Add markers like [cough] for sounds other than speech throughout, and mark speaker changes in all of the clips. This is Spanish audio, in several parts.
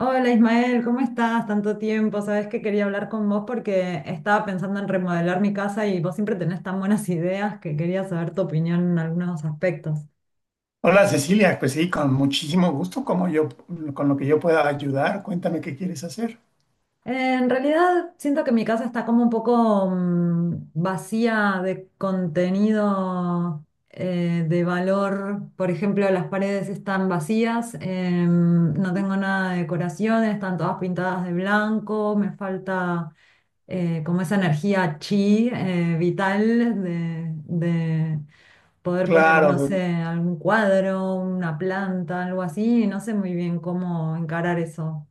Speaker 1: Hola Ismael, ¿cómo estás? Tanto tiempo. Sabes que quería hablar con vos porque estaba pensando en remodelar mi casa y vos siempre tenés tan buenas [laughs] ideas que quería saber tu opinión en algunos aspectos.
Speaker 2: Hola Cecilia, pues sí, con muchísimo gusto, como yo, con lo que yo pueda ayudar, cuéntame qué quieres hacer.
Speaker 1: En realidad siento que mi casa está como un poco vacía de contenido de valor. Por ejemplo, las paredes están vacías, no tengo nada de decoración, están todas pintadas de blanco, me falta como esa energía chi vital de poder poner,
Speaker 2: Claro,
Speaker 1: no
Speaker 2: de-
Speaker 1: sé, algún cuadro, una planta, algo así. No sé muy bien cómo encarar eso.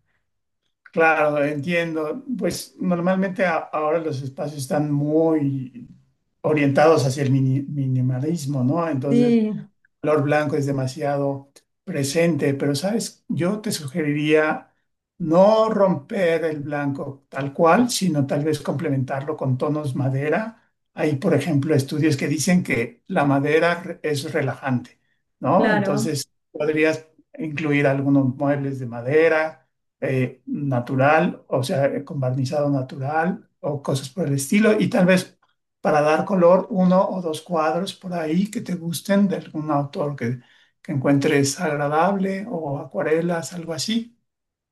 Speaker 2: claro, entiendo. Pues normalmente ahora los espacios están muy orientados hacia el minimalismo, ¿no? Entonces,
Speaker 1: Sí,
Speaker 2: color blanco es demasiado presente, pero sabes, yo te sugeriría no romper el blanco tal cual, sino tal vez complementarlo con tonos madera. Hay, por ejemplo, estudios que dicen que la madera es relajante, ¿no?
Speaker 1: claro.
Speaker 2: Entonces, podrías incluir algunos muebles de madera natural, o sea, con barnizado natural o cosas por el estilo, y tal vez para dar color uno o dos cuadros por ahí que te gusten de algún autor que encuentres agradable o acuarelas, algo así.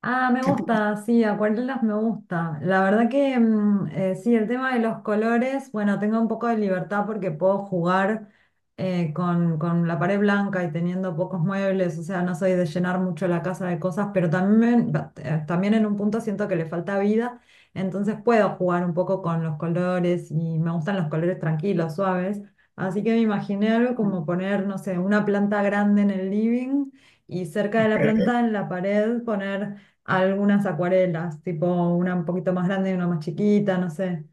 Speaker 1: Ah, me
Speaker 2: ¿Qué piensas?
Speaker 1: gusta, sí, acuarelas me gusta. La verdad que sí, el tema de los colores, bueno, tengo un poco de libertad porque puedo jugar con la pared blanca y teniendo pocos muebles, o sea, no soy de llenar mucho la casa de cosas, pero también, también en un punto siento que le falta vida, entonces puedo jugar un poco con los colores y me gustan los colores tranquilos, suaves. Así que me imaginé algo como
Speaker 2: [laughs]
Speaker 1: poner, no sé, una planta grande en el living y cerca de
Speaker 2: Ok.
Speaker 1: la planta en la pared poner algunas acuarelas, tipo una un poquito más grande y una más chiquita, no sé.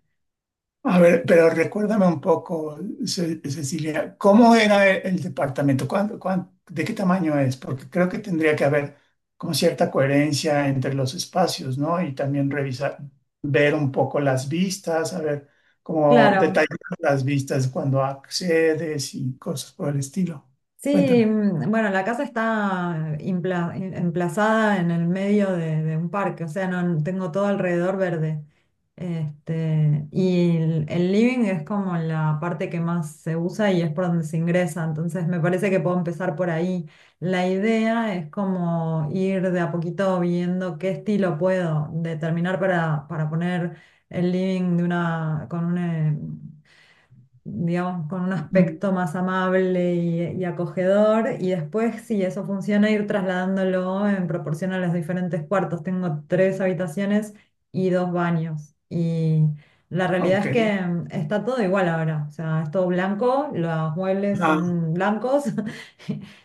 Speaker 2: A ver, pero recuérdame un poco, Cecilia, ¿cómo era el departamento? De qué tamaño es? Porque creo que tendría que haber como cierta coherencia entre los espacios, ¿no? Y también revisar, ver un poco las vistas, a ver cómo
Speaker 1: Claro,
Speaker 2: detallar las vistas cuando accedes y cosas por el estilo.
Speaker 1: sí,
Speaker 2: Cuéntame.
Speaker 1: bueno, la casa está emplazada en el medio de un parque, o sea, no tengo todo alrededor verde. Este, y el living es como la parte que más se usa y es por donde se ingresa, entonces me parece que puedo empezar por ahí. La idea es como ir de a poquito viendo qué estilo puedo determinar para poner el living de una, con una, digamos, con un
Speaker 2: Mm,
Speaker 1: aspecto más amable y acogedor. Y después, si eso funciona, ir trasladándolo en proporción a los diferentes cuartos. Tengo tres habitaciones y dos baños. Y la realidad es
Speaker 2: ok,
Speaker 1: que está todo igual ahora. O sea, es todo blanco, los muebles
Speaker 2: ah,
Speaker 1: son blancos. [laughs]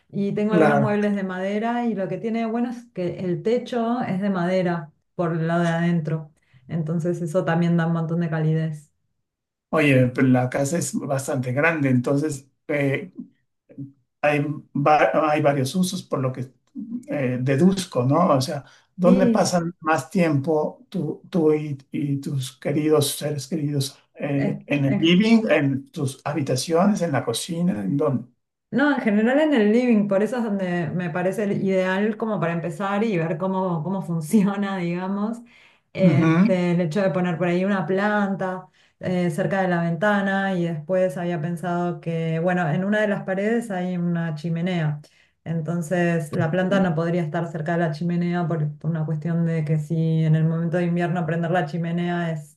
Speaker 1: Y tengo algunos
Speaker 2: claro.
Speaker 1: muebles de madera y lo que tiene bueno es que el techo es de madera por el lado de adentro. Entonces eso también da un montón de calidez.
Speaker 2: Oye, pero la casa es bastante grande, entonces, hay, hay varios usos, por lo que deduzco, ¿no? O sea, ¿dónde
Speaker 1: Sí,
Speaker 2: pasan más tiempo tú y tus queridos seres queridos?
Speaker 1: es,
Speaker 2: ¿En el
Speaker 1: en
Speaker 2: living, en tus habitaciones, en la cocina, en dónde?
Speaker 1: no, en general en el living, por eso es donde me parece el ideal como para empezar y ver cómo, cómo funciona, [laughs] digamos,
Speaker 2: Ujú.
Speaker 1: este, el hecho de poner por ahí una planta cerca de la ventana y después había pensado que, bueno, en una de las paredes hay una chimenea, entonces la planta no podría estar cerca de la chimenea por una cuestión de que si en el momento de invierno prender la chimenea es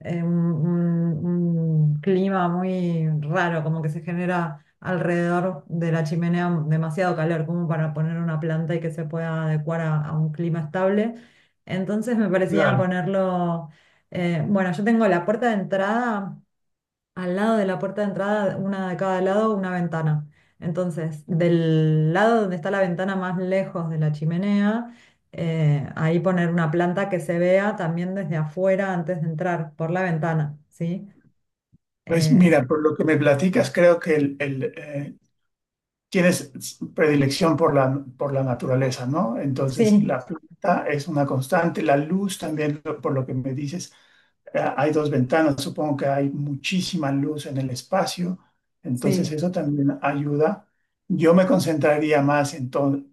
Speaker 1: un un clima muy raro, como que se genera alrededor de la chimenea demasiado calor como para poner una planta y que se pueda adecuar a un clima estable. Entonces me parecía
Speaker 2: Claro.
Speaker 1: ponerlo, bueno, yo tengo la puerta de entrada, al lado de la puerta de entrada, una de cada lado, una ventana. Entonces, del lado donde está la ventana más lejos de la chimenea, ahí poner una planta que se vea también desde afuera antes de entrar por la ventana, ¿sí?
Speaker 2: Pues
Speaker 1: Eh,
Speaker 2: mira, por lo que me platicas, creo que tienes predilección por por la naturaleza, ¿no? Entonces,
Speaker 1: sí,
Speaker 2: la planta es una constante, la luz también, por lo que me dices. Hay dos ventanas, supongo que hay muchísima luz en el espacio, entonces
Speaker 1: sí,
Speaker 2: eso también ayuda. Yo me concentraría más en, to-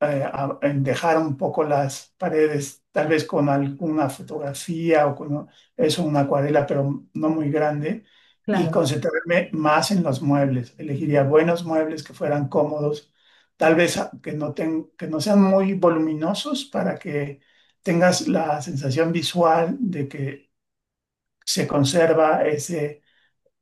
Speaker 2: eh, a- en dejar un poco las paredes, tal vez con alguna fotografía o con eso, una acuarela, pero no muy grande, y
Speaker 1: claro.
Speaker 2: concentrarme más en los muebles. Elegiría buenos muebles que fueran cómodos, tal vez que no sean muy voluminosos para que tengas la sensación visual de que se conserva ese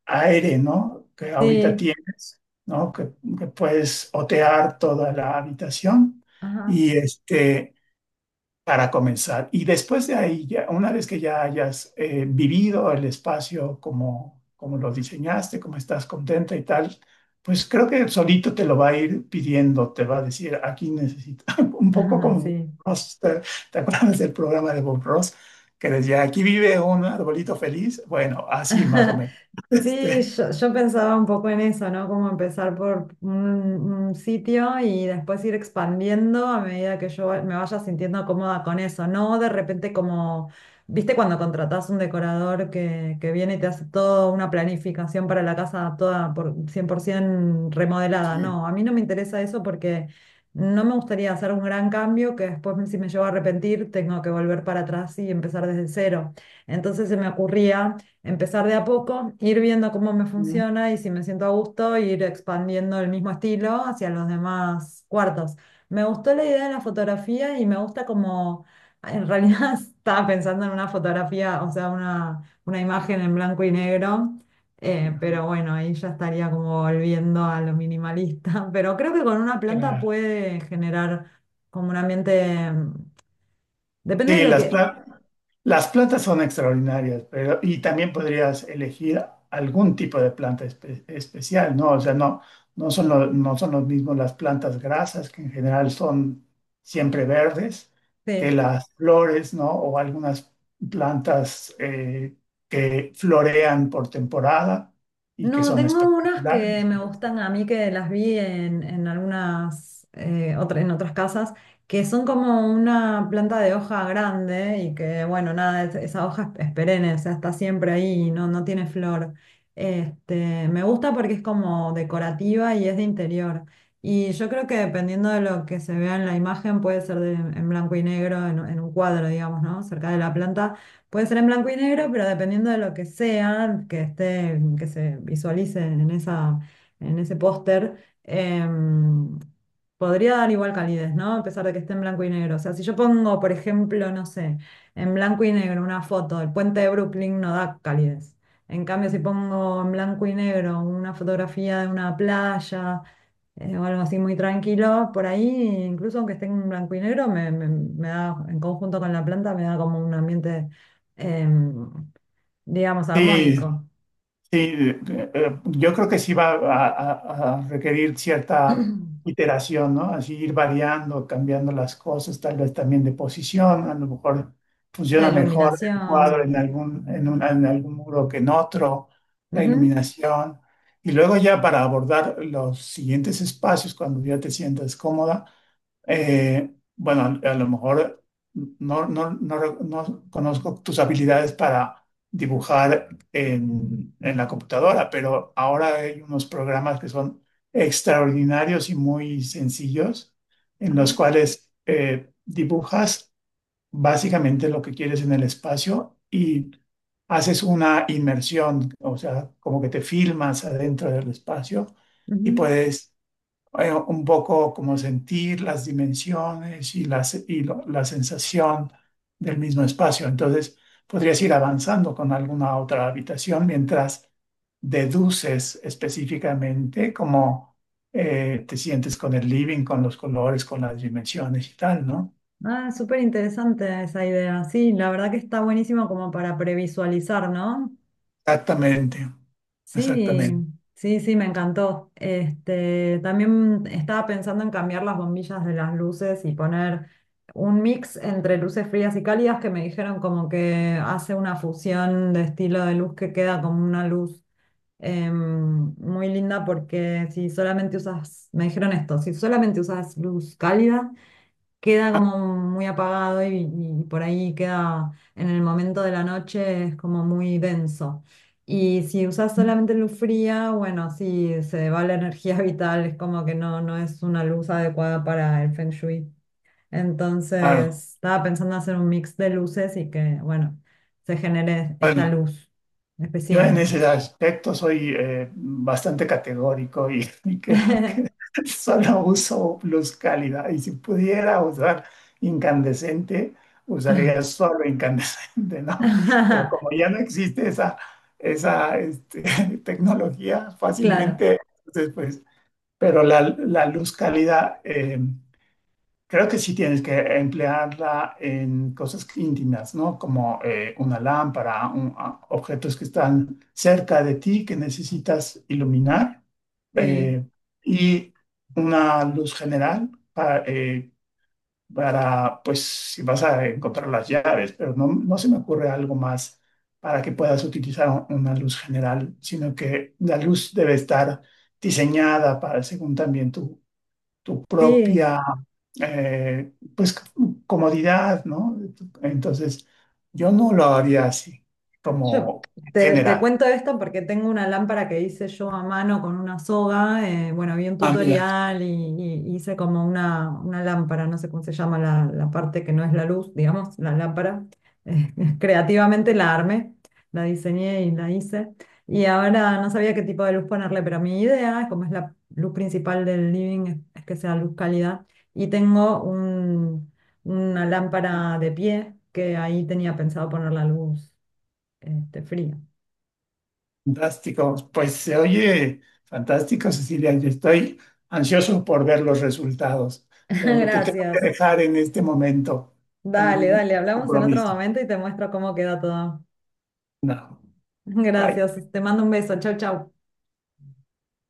Speaker 2: aire, ¿no? Que ahorita
Speaker 1: Sí,
Speaker 2: tienes, ¿no? Que puedes otear toda la habitación
Speaker 1: ajá,
Speaker 2: y para comenzar. Y después de ahí, ya, una vez que ya hayas vivido el espacio como, como lo diseñaste, como estás contenta y tal, pues creo que solito te lo va a ir pidiendo, te va a decir, aquí necesito, [laughs] un
Speaker 1: [laughs]
Speaker 2: poco
Speaker 1: ajá,
Speaker 2: como Bob
Speaker 1: sí.
Speaker 2: Ross, ¿te, te acuerdas del programa de Bob Ross? Que decía, aquí vive un arbolito feliz. Bueno, así más o
Speaker 1: [laughs]
Speaker 2: menos. [laughs]
Speaker 1: Sí,
Speaker 2: Este,
Speaker 1: yo pensaba un poco en eso, ¿no? Como empezar por un sitio y después ir expandiendo a medida que me vaya sintiendo cómoda con eso, no de repente como, viste cuando contratás un decorador que viene y te hace toda una planificación para la casa toda por 100% remodelada,
Speaker 2: sí.
Speaker 1: no, a mí no me interesa eso porque no me gustaría hacer un gran cambio que después si me llevo a arrepentir tengo que volver para atrás y empezar desde cero. Entonces se me ocurría empezar de a poco, ir viendo cómo me
Speaker 2: Ujú,
Speaker 1: funciona y si me siento a gusto, ir expandiendo el mismo estilo hacia los demás cuartos. Me gustó la idea de la fotografía y me gusta como, en realidad [laughs] estaba pensando en una fotografía, o sea, una imagen en blanco y negro,
Speaker 2: ajá,
Speaker 1: pero bueno, ahí ya estaría como volviendo a lo minimalista, [laughs] pero creo que con una planta
Speaker 2: claro.
Speaker 1: puede generar como un ambiente, depende de
Speaker 2: Sí,
Speaker 1: lo
Speaker 2: las
Speaker 1: que…
Speaker 2: plantas. Las plantas son extraordinarias, pero y también podrías elegir algún tipo de planta especial, ¿no? O sea, no son no son los mismos las plantas grasas, que en general son siempre verdes, que
Speaker 1: Sí.
Speaker 2: las flores, ¿no? O algunas plantas que florean por temporada y que
Speaker 1: No,
Speaker 2: son
Speaker 1: tengo unas que
Speaker 2: espectaculares.
Speaker 1: me
Speaker 2: Entonces,
Speaker 1: gustan a mí que las vi en algunas en otras casas, que son como una planta de hoja grande y que, bueno, nada, esa hoja es perenne, o sea, está siempre ahí, y no, no tiene flor. Este, me gusta porque es como decorativa y es de interior. Y yo creo que dependiendo de lo que se vea en la imagen, puede ser en blanco y negro, en un cuadro, digamos, ¿no? Cerca de la planta. Puede ser en blanco y negro, pero dependiendo de lo que sea, que esté, que se visualice en esa, en ese póster, em, podría dar igual calidez, ¿no? A pesar de que esté en blanco y negro. O sea, si yo pongo, por ejemplo, no sé, en blanco y negro una foto del puente de Brooklyn, no da calidez. En cambio, si pongo en blanco y negro una fotografía de una playa o algo así muy tranquilo por ahí, incluso aunque esté en blanco y negro, me da, en conjunto con la planta, me da como un ambiente, em, digamos,
Speaker 2: sí.
Speaker 1: armónico.
Speaker 2: Sí, yo creo que sí va a, a requerir cierta iteración, ¿no? Así ir variando, cambiando las cosas, tal vez también de posición, a lo mejor
Speaker 1: La
Speaker 2: funciona mejor el cuadro
Speaker 1: iluminación.
Speaker 2: en algún, en algún muro que en otro, la
Speaker 1: Ujú,
Speaker 2: iluminación. Y luego ya para abordar los siguientes espacios, cuando ya te sientas cómoda, eh, bueno, a lo mejor no conozco tus habilidades para dibujar en la computadora, pero ahora hay unos programas que son extraordinarios y muy sencillos, en
Speaker 1: ajá,
Speaker 2: los cuales dibujas básicamente lo que quieres en el espacio y haces una inmersión, o sea, como que te filmas adentro del espacio y
Speaker 1: ujú.
Speaker 2: puedes un poco como sentir las dimensiones la sensación del mismo espacio. Entonces, podrías ir avanzando con alguna otra habitación mientras deduces específicamente cómo te sientes con el living, con los colores, con las dimensiones y tal, ¿no?
Speaker 1: Ah, súper interesante esa idea. Sí, la verdad que está buenísimo como para previsualizar, ¿no?
Speaker 2: Exactamente,
Speaker 1: Sí,
Speaker 2: exactamente.
Speaker 1: sí, sí, me encantó. Este, también estaba pensando en cambiar las bombillas de las luces y poner un mix entre luces frías y cálidas que me dijeron como que hace una fusión de estilo de luz que queda como una luz muy linda porque si solamente usas, me dijeron esto, si solamente usas luz cálida, queda como muy apagado y por ahí queda en el momento de la noche es como muy denso. Y si usas solamente luz fría, bueno, sí, se va la energía [laughs] vital, es como que no, no es una luz adecuada para el Feng Shui.
Speaker 2: Claro.
Speaker 1: Entonces, estaba pensando hacer un mix de luces y que, bueno, se genere esta
Speaker 2: Bueno,
Speaker 1: luz
Speaker 2: yo en
Speaker 1: especial.
Speaker 2: ese aspecto soy bastante categórico y, [laughs] y creo que
Speaker 1: [laughs]
Speaker 2: solo uso pluscálida. Y si pudiera usar incandescente, usaría solo incandescente, ¿no? Pero como ya no existe esa [laughs] tecnología
Speaker 1: Claro,
Speaker 2: fácilmente, entonces, pues, pero la luz cálida creo que sí tienes que emplearla en cosas íntimas, ¿no? Como una lámpara, objetos que están cerca de ti que necesitas iluminar
Speaker 1: sí,
Speaker 2: eh, y una luz general para, pues, si vas a encontrar las llaves, pero no se me ocurre algo más para que puedas utilizar una luz general, sino que la luz debe estar diseñada para, según también tu
Speaker 1: sí.
Speaker 2: propia, eh, pues, comodidad, ¿no? Entonces, yo no lo haría así,
Speaker 1: Yo
Speaker 2: como en
Speaker 1: te
Speaker 2: general.
Speaker 1: cuento esto porque tengo una lámpara que hice yo a mano con una soga. Bueno, vi un
Speaker 2: Ah, mira,
Speaker 1: tutorial y hice como una lámpara, no sé cómo se llama la parte que no es la luz, digamos, la lámpara. Eh, [laughs] creativamente la armé, la diseñé y la hice. Y ahora no sabía qué tipo de luz ponerle, pero mi idea, como es la luz principal del living, es que sea luz cálida. Y tengo un, una lámpara de pie que ahí tenía pensado poner la luz. Este, frío.
Speaker 2: fantástico. Pues se oye fantástico, Cecilia. Yo estoy ansioso por ver los resultados,
Speaker 1: [laughs]
Speaker 2: pero te tengo que
Speaker 1: Gracias.
Speaker 2: dejar en este momento. Tengo
Speaker 1: Dale,
Speaker 2: un
Speaker 1: dale, hablamos en otro
Speaker 2: compromiso.
Speaker 1: momento y te muestro cómo queda todo.
Speaker 2: No,
Speaker 1: [laughs]
Speaker 2: bye.
Speaker 1: Gracias. Te mando un beso. Chau, chau.